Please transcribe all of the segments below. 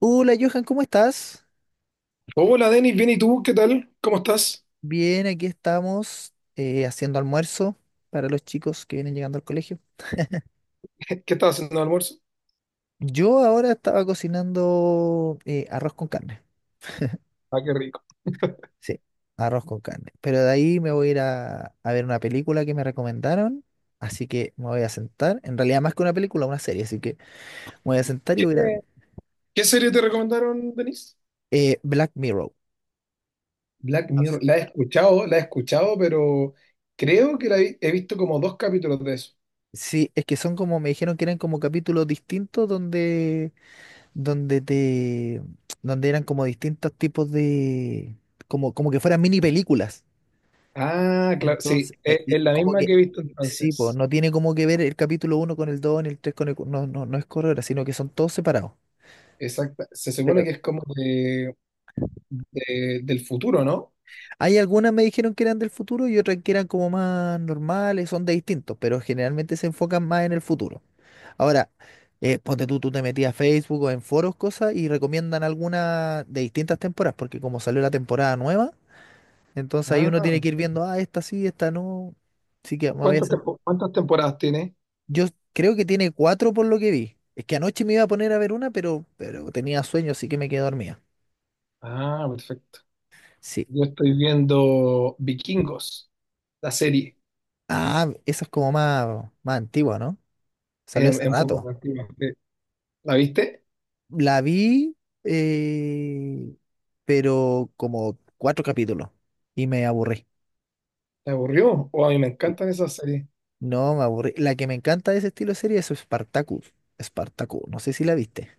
Hola Johan, ¿cómo estás? Hola Denis, bien ¿y tú, qué tal? ¿Cómo estás? Bien, aquí estamos haciendo almuerzo para los chicos que vienen llegando al colegio. ¿Qué estás haciendo de almuerzo? Yo ahora estaba cocinando arroz con carne. Ah, qué rico. Sí, arroz con carne. Pero de ahí me voy a ir a ver una película que me recomendaron, así que me voy a sentar. En realidad más que una película, una serie, así que me voy a sentar y ¿Qué, voy a ir a ver. qué serie te recomendaron, Denis? Black Mirror. Black No sé. Mirror, la he escuchado, pero creo que he visto como dos capítulos de eso. Sí, es que son como, me dijeron que eran como capítulos distintos donde te, donde eran como distintos tipos de, como que fueran mini películas. Ah, claro, sí, Entonces, es, y es la como misma que, que he visto sí, pues, entonces. no tiene como que ver el capítulo uno con el 2 ni el 3 con el, no, no, no es corredora, sino que son todos separados. Exacta. Se supone Pero que es como del futuro, ¿no? hay algunas me dijeron que eran del futuro y otras que eran como más normales, son de distintos, pero generalmente se enfocan más en el futuro. Ahora, ponte tú te metías a Facebook o en foros, cosas, y recomiendan alguna de distintas temporadas, porque como salió la temporada nueva, entonces ahí Ah, uno tiene que ir viendo, ah, esta sí, esta no. Así que me voy a sentar. ¿Cuántas temporadas tiene? Yo creo que tiene cuatro por lo que vi. Es que anoche me iba a poner a ver una, pero tenía sueño, así que me quedé dormida. Ah, perfecto. Sí. Yo estoy viendo Vikingos, la Sí. serie, Ah, esa es como más, más antigua, ¿no? Salió es, hace es un poco rato. más antigua, sí. ¿La viste? La vi, eh, pero como cuatro capítulos y me aburrí. ¿Te aburrió? O a mí me Sí. encantan esas series. No, me aburrí. La que me encanta de ese estilo de serie es Spartacus. Spartacus, no sé si la viste.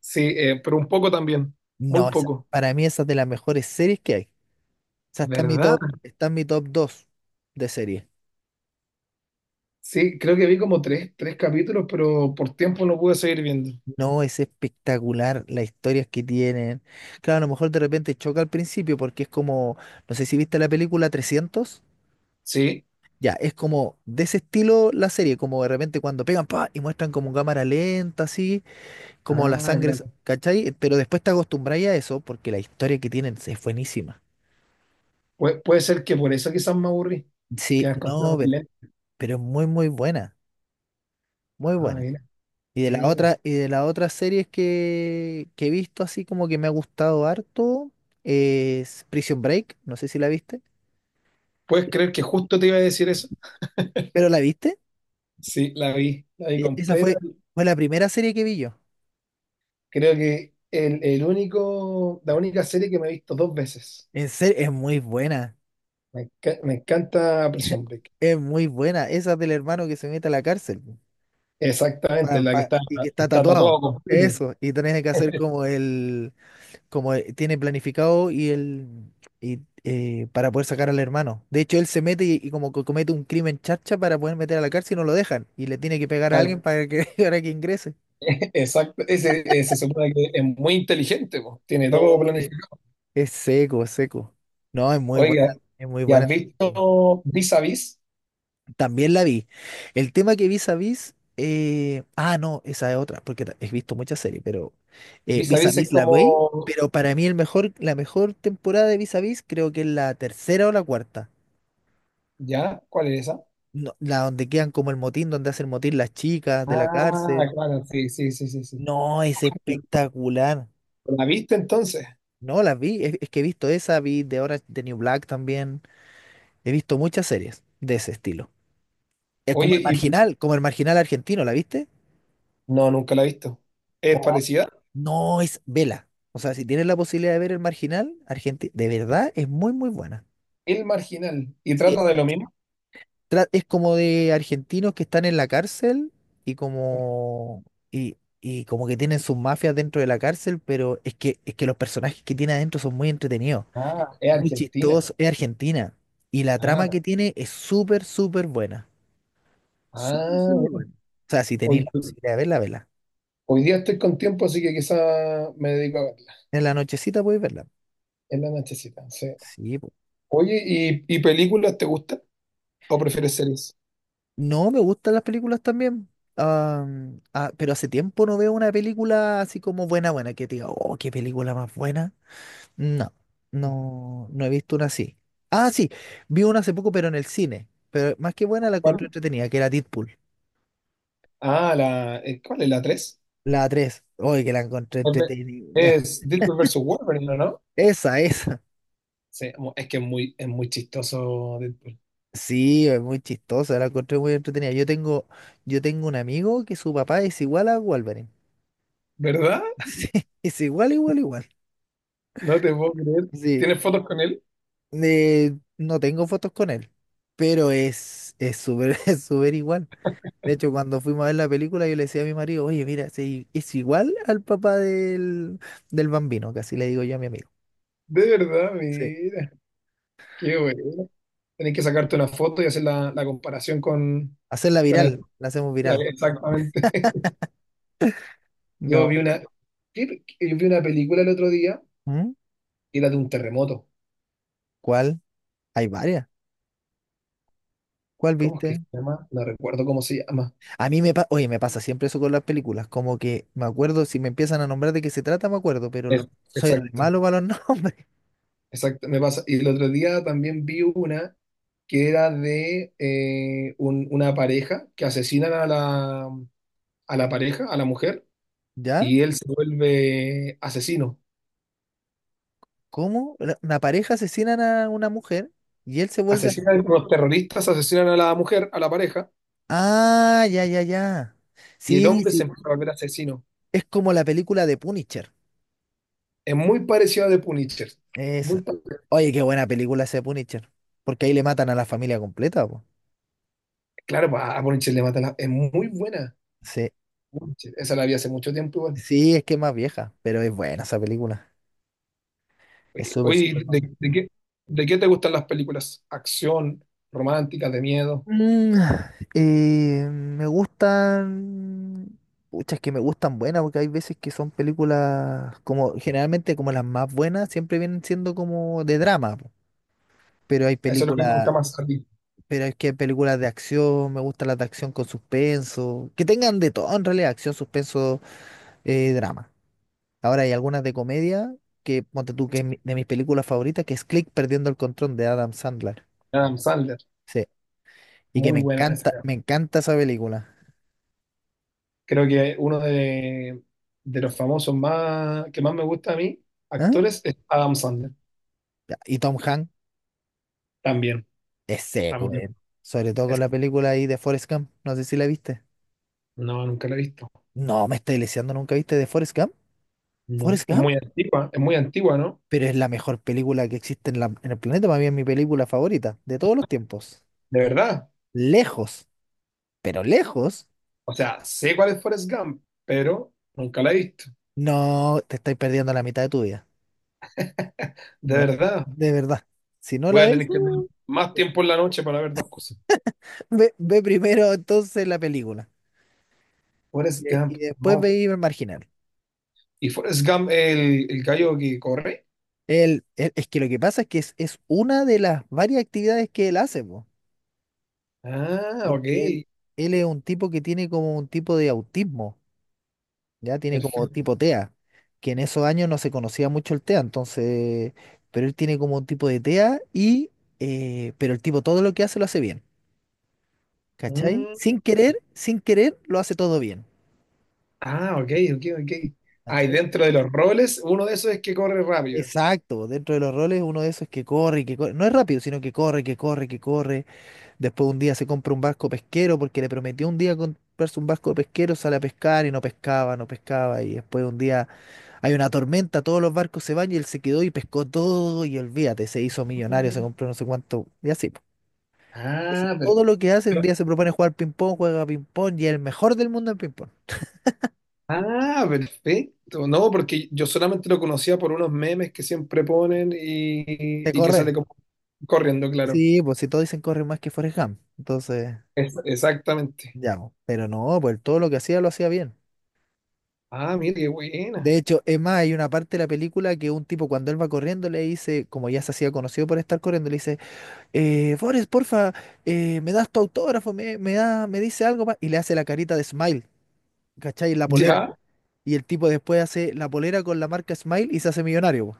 Sí, pero un poco también, No, muy esa, poco. para mí esa es de las mejores series que hay. O sea, está en mi ¿Verdad? top, está en mi top 2 de serie. Sí, creo que vi como tres capítulos, pero por tiempo no pude seguir viendo. No, es espectacular las historias que tienen. Claro, a lo mejor de repente choca al principio porque es como, no sé si viste la película trescientos. Sí. Ya, es como de ese estilo la serie, como de repente cuando pegan pa y muestran como cámara lenta, así, como la Ah, sangre, claro. ¿Cachai? Pero después te acostumbráis a eso porque la historia que tienen es buenísima. Puede ser que por eso quizás me aburrí, que Sí, las cosas no, muy pero, lentas. pero es muy, muy buena, muy Ah, buena. mira, Y de la mira. otra, y de las otras series que he visto así como que me ha gustado harto es Prison Break, no sé si la viste, ¿Puedes creer que justo te iba a decir eso? pero la viste. Sí, la vi Esa completa. fue la primera serie que vi yo. Creo que la única serie que me he visto dos veces. En serio, es muy buena. Me encanta Prison Break. Es muy buena. Esa del hermano que se mete a la cárcel po, Exactamente, la que está, y que está está tatuada, tatuado. completo. Eso. Y tenés que hacer como el, como tiene planificado y él y, para poder sacar al hermano. De hecho, él se mete y como que comete un crimen charcha para poder meter a la cárcel y no lo dejan. Y le tiene que pegar a Tal- alguien para que, para que ingrese. Exacto, ese se supone que es muy inteligente, po. Tiene todo No, planificado. es seco, es seco. No, es muy buena, Oiga, es muy ¿y buena, has esa película. visto Vis a Vis? También la vi. El tema que Vis a Vis, no, esa es otra, porque he visto muchas series, pero Vis a Vis a Vis es Vis la como, vi, pero para mí el mejor, la mejor temporada de Vis a Vis creo que es la tercera o la cuarta. ¿ya? ¿Cuál es esa? No, la donde quedan como el motín, donde hacen motín las chicas de la Ah, cárcel. claro, sí, sí, sí, sí, sí. No, es espectacular. ¿La viste entonces? No, las vi, es que he visto esa, vi de Orange de New Black también. He visto muchas series de ese estilo. Es Oye, y como el marginal argentino, ¿la viste? no, nunca la he visto. Es Po, parecida. no, es vela. O sea, si tienes la posibilidad de ver el marginal, Argentina, de verdad es muy, muy buena. El Marginal, y Sí, trata de lo mismo. Es como de argentinos que están en la cárcel y como y como que tienen sus mafias dentro de la cárcel, pero es que los personajes que tiene adentro son muy entretenidos, Ah, es muy Argentina. chistosos, es Argentina y la Ah, trama que tiene es súper súper buena. Súper ah, súper mira. buena. O sea, si Oye, tenéis la posibilidad de verla, verla. hoy día estoy con tiempo, así que quizá me dedico a verla. En la nochecita podéis verla. En la nochecita, sí. Sí, po. Oye, ¿y películas te gustan? ¿O prefieres series? No, me gustan las películas también. Ah, ah, pero hace tiempo no veo una película así como buena, buena, que te diga, oh, qué película más buena. No, no, no he visto una así. Ah, sí, vi una hace poco, pero en el cine. Pero más que buena la encontré ¿Cuál? entretenida, que era Deadpool. Ah, ¿cuál es la 3? La 3. Oye, que la encontré entretenida. Es Deadpool versus Wolverine, ¿o ¿no? Esa, esa. Sí, es muy chistoso Deadpool. Sí, es muy chistosa, la encontré muy entretenida. Yo tengo un amigo que su papá es igual a Wolverine. ¿Verdad? Es igual, igual, igual. No te puedo creer. Sí, ¿Tienes fotos con él? No tengo fotos con él, pero es súper, es súper igual. De hecho, cuando fuimos a ver la película, yo le decía a mi marido, oye, mira, sí, es igual al papá del Bambino, casi le digo yo a mi amigo. De verdad, Sí. mira. Qué bueno. Tenés que sacarte una foto y hacer la comparación Hacerla con él. viral, la hacemos viral. exactamente. Yo vi No. una, yo vi una película el otro día, ¿Mm? y la de un terremoto. ¿Cuál? Hay varias. ¿Cuál ¿Cómo es que viste? se llama? No recuerdo cómo se llama. A mí me pasa, oye, me pasa siempre eso con las películas, como que me acuerdo, si me empiezan a nombrar de qué se trata, me acuerdo, pero Es- soy re exacto, malo para los nombres. exacto, me pasa. Y el otro día también vi una que era de una pareja que asesinan a la pareja, a la mujer, ¿Ya? y él se vuelve asesino. ¿Cómo? Una pareja asesinan a una mujer y él se vuelve Asesinan asesino. los terroristas, asesinan a la mujer, a la pareja, Ah, ya, ya, ya. y el Sí, hombre sí, se empieza a volver asesino. es como la película de Punisher. Es muy parecido a The Punisher. Muy Esa. pa- Oye, qué buena película ese Punisher. Porque ahí le matan a la familia completa, po. claro, a Punisher le mata la... Es muy buena. Sí. Punisher. Esa la vi hace mucho tiempo igual. Sí, es que es más vieja, pero es buena esa película. Es Oye, súper, súper oye, buena. ¿de, de qué, de qué te gustan las películas? Acción, románticas, de miedo. Mm, me gustan. Pucha, es que me gustan buenas, porque hay veces que son películas como, generalmente como las más buenas, siempre vienen siendo como de drama, po. Pero hay Eso es lo que te gusta películas, más a ti. pero es que hay películas de acción, me gustan las de acción con suspenso, que tengan de todo en realidad, acción, suspenso, drama. Ahora hay algunas de comedia que, ponte tú, que es de mis películas favoritas, que es Click perdiendo el control de Adam Sandler. Adam Sandler, Sí. Y que muy buena esa, cara. me encanta esa película. Creo que uno de los famosos más que más me gusta a mí, ¿Ah? actores, es Adam Sandler. Ya, y Tom Hanks También, es seco, también. eh. Sobre todo con Es- la película ahí de Forrest Gump. No sé si la viste. no, nunca la he visto. No, me estoy leseando, ¿nunca viste de Forrest Gump? No. ¿Forrest Gump? Es muy antigua, ¿no? Pero es la mejor película que existe en el planeta. Para mí es mi película favorita de todos los tiempos. De verdad. Lejos, pero lejos. O sea, sé cuál es Forrest Gump, pero nunca la he visto. No, te estáis perdiendo la mitad de tu vida. De No, de verdad. de verdad. Si no Voy la a ves. tener que tener más tiempo en la noche para ver dos cosas. Ve, ve primero entonces la película y, Forrest de- Gump, y después no. ve el marginal. ¿Y Forrest Gump, el gallo que corre? Él es que lo que pasa es que es una de las varias actividades que él hace, po, Ah, ok. porque él es un tipo que tiene como un tipo de autismo, ya tiene como Perfecto. tipo TEA, que en esos años no se conocía mucho el TEA, entonces, pero él tiene como un tipo de TEA y, pero el tipo todo lo que hace lo hace bien, ¿cachai? Mm, Sin querer, sin querer lo hace todo bien. ah, ok, ok, ok. Ah, y dentro de los roles, uno de esos es que corre rápido. Exacto, dentro de los roles uno de esos es que corre y que corre, no es rápido, sino que corre, que corre, que corre. Después un día se compra un barco pesquero porque le prometió un día comprarse un barco pesquero, sale a pescar y no pescaba, no pescaba. Y después un día hay una tormenta, todos los barcos se van y él se quedó y pescó todo y olvídate, se hizo millonario, se Mm. compró no sé cuánto y así, po. Entonces, Ah, todo perfecto. lo que hace, un día se propone jugar ping-pong, juega ping-pong y es el mejor del mundo en ping-pong. Ah, perfecto. No, porque yo solamente lo conocía por unos memes que siempre ponen y, De y que correr. sale como corriendo, claro. Sí, pues si todos dicen corre más que Forrest Gump, entonces... Exactamente. Ya, po, pero no, pues todo lo que hacía lo hacía bien. Ah, mira, qué De buena. hecho, es más, hay una parte de la película que un tipo cuando él va corriendo le dice, como ya se hacía conocido por estar corriendo, le dice, Forrest, porfa, me das tu autógrafo, me da, me dice algo más, y le hace la carita de Smile, ¿cachai? La polera. ¿Ya? Y el tipo después hace la polera con la marca Smile y se hace millonario, po.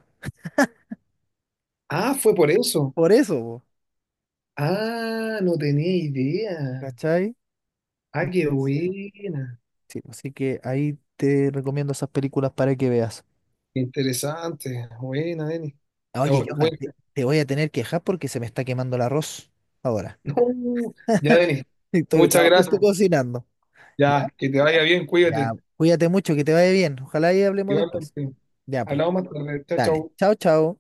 Ah, fue por eso. Por eso, po, Ah, no tenía idea. ¿cachai? Ah, qué Entonces, buena. sí, así que ahí te recomiendo esas películas para que veas. Interesante. Buena, Denis. Ya, Oye, Johan, bueno, te voy a tener que dejar porque se me está quemando el arroz ahora. no, ya, Denis. Y Estoy- Muchas Estaba gracias. justo cocinando. ¿Ya? Ya, que te vaya bien, Ya, cuídate. cuídate mucho, que te vaya bien. Ojalá y hablemos después. Igualmente. Ya pues, Hablamos más tarde. Chao, dale. chao. Chao, chao.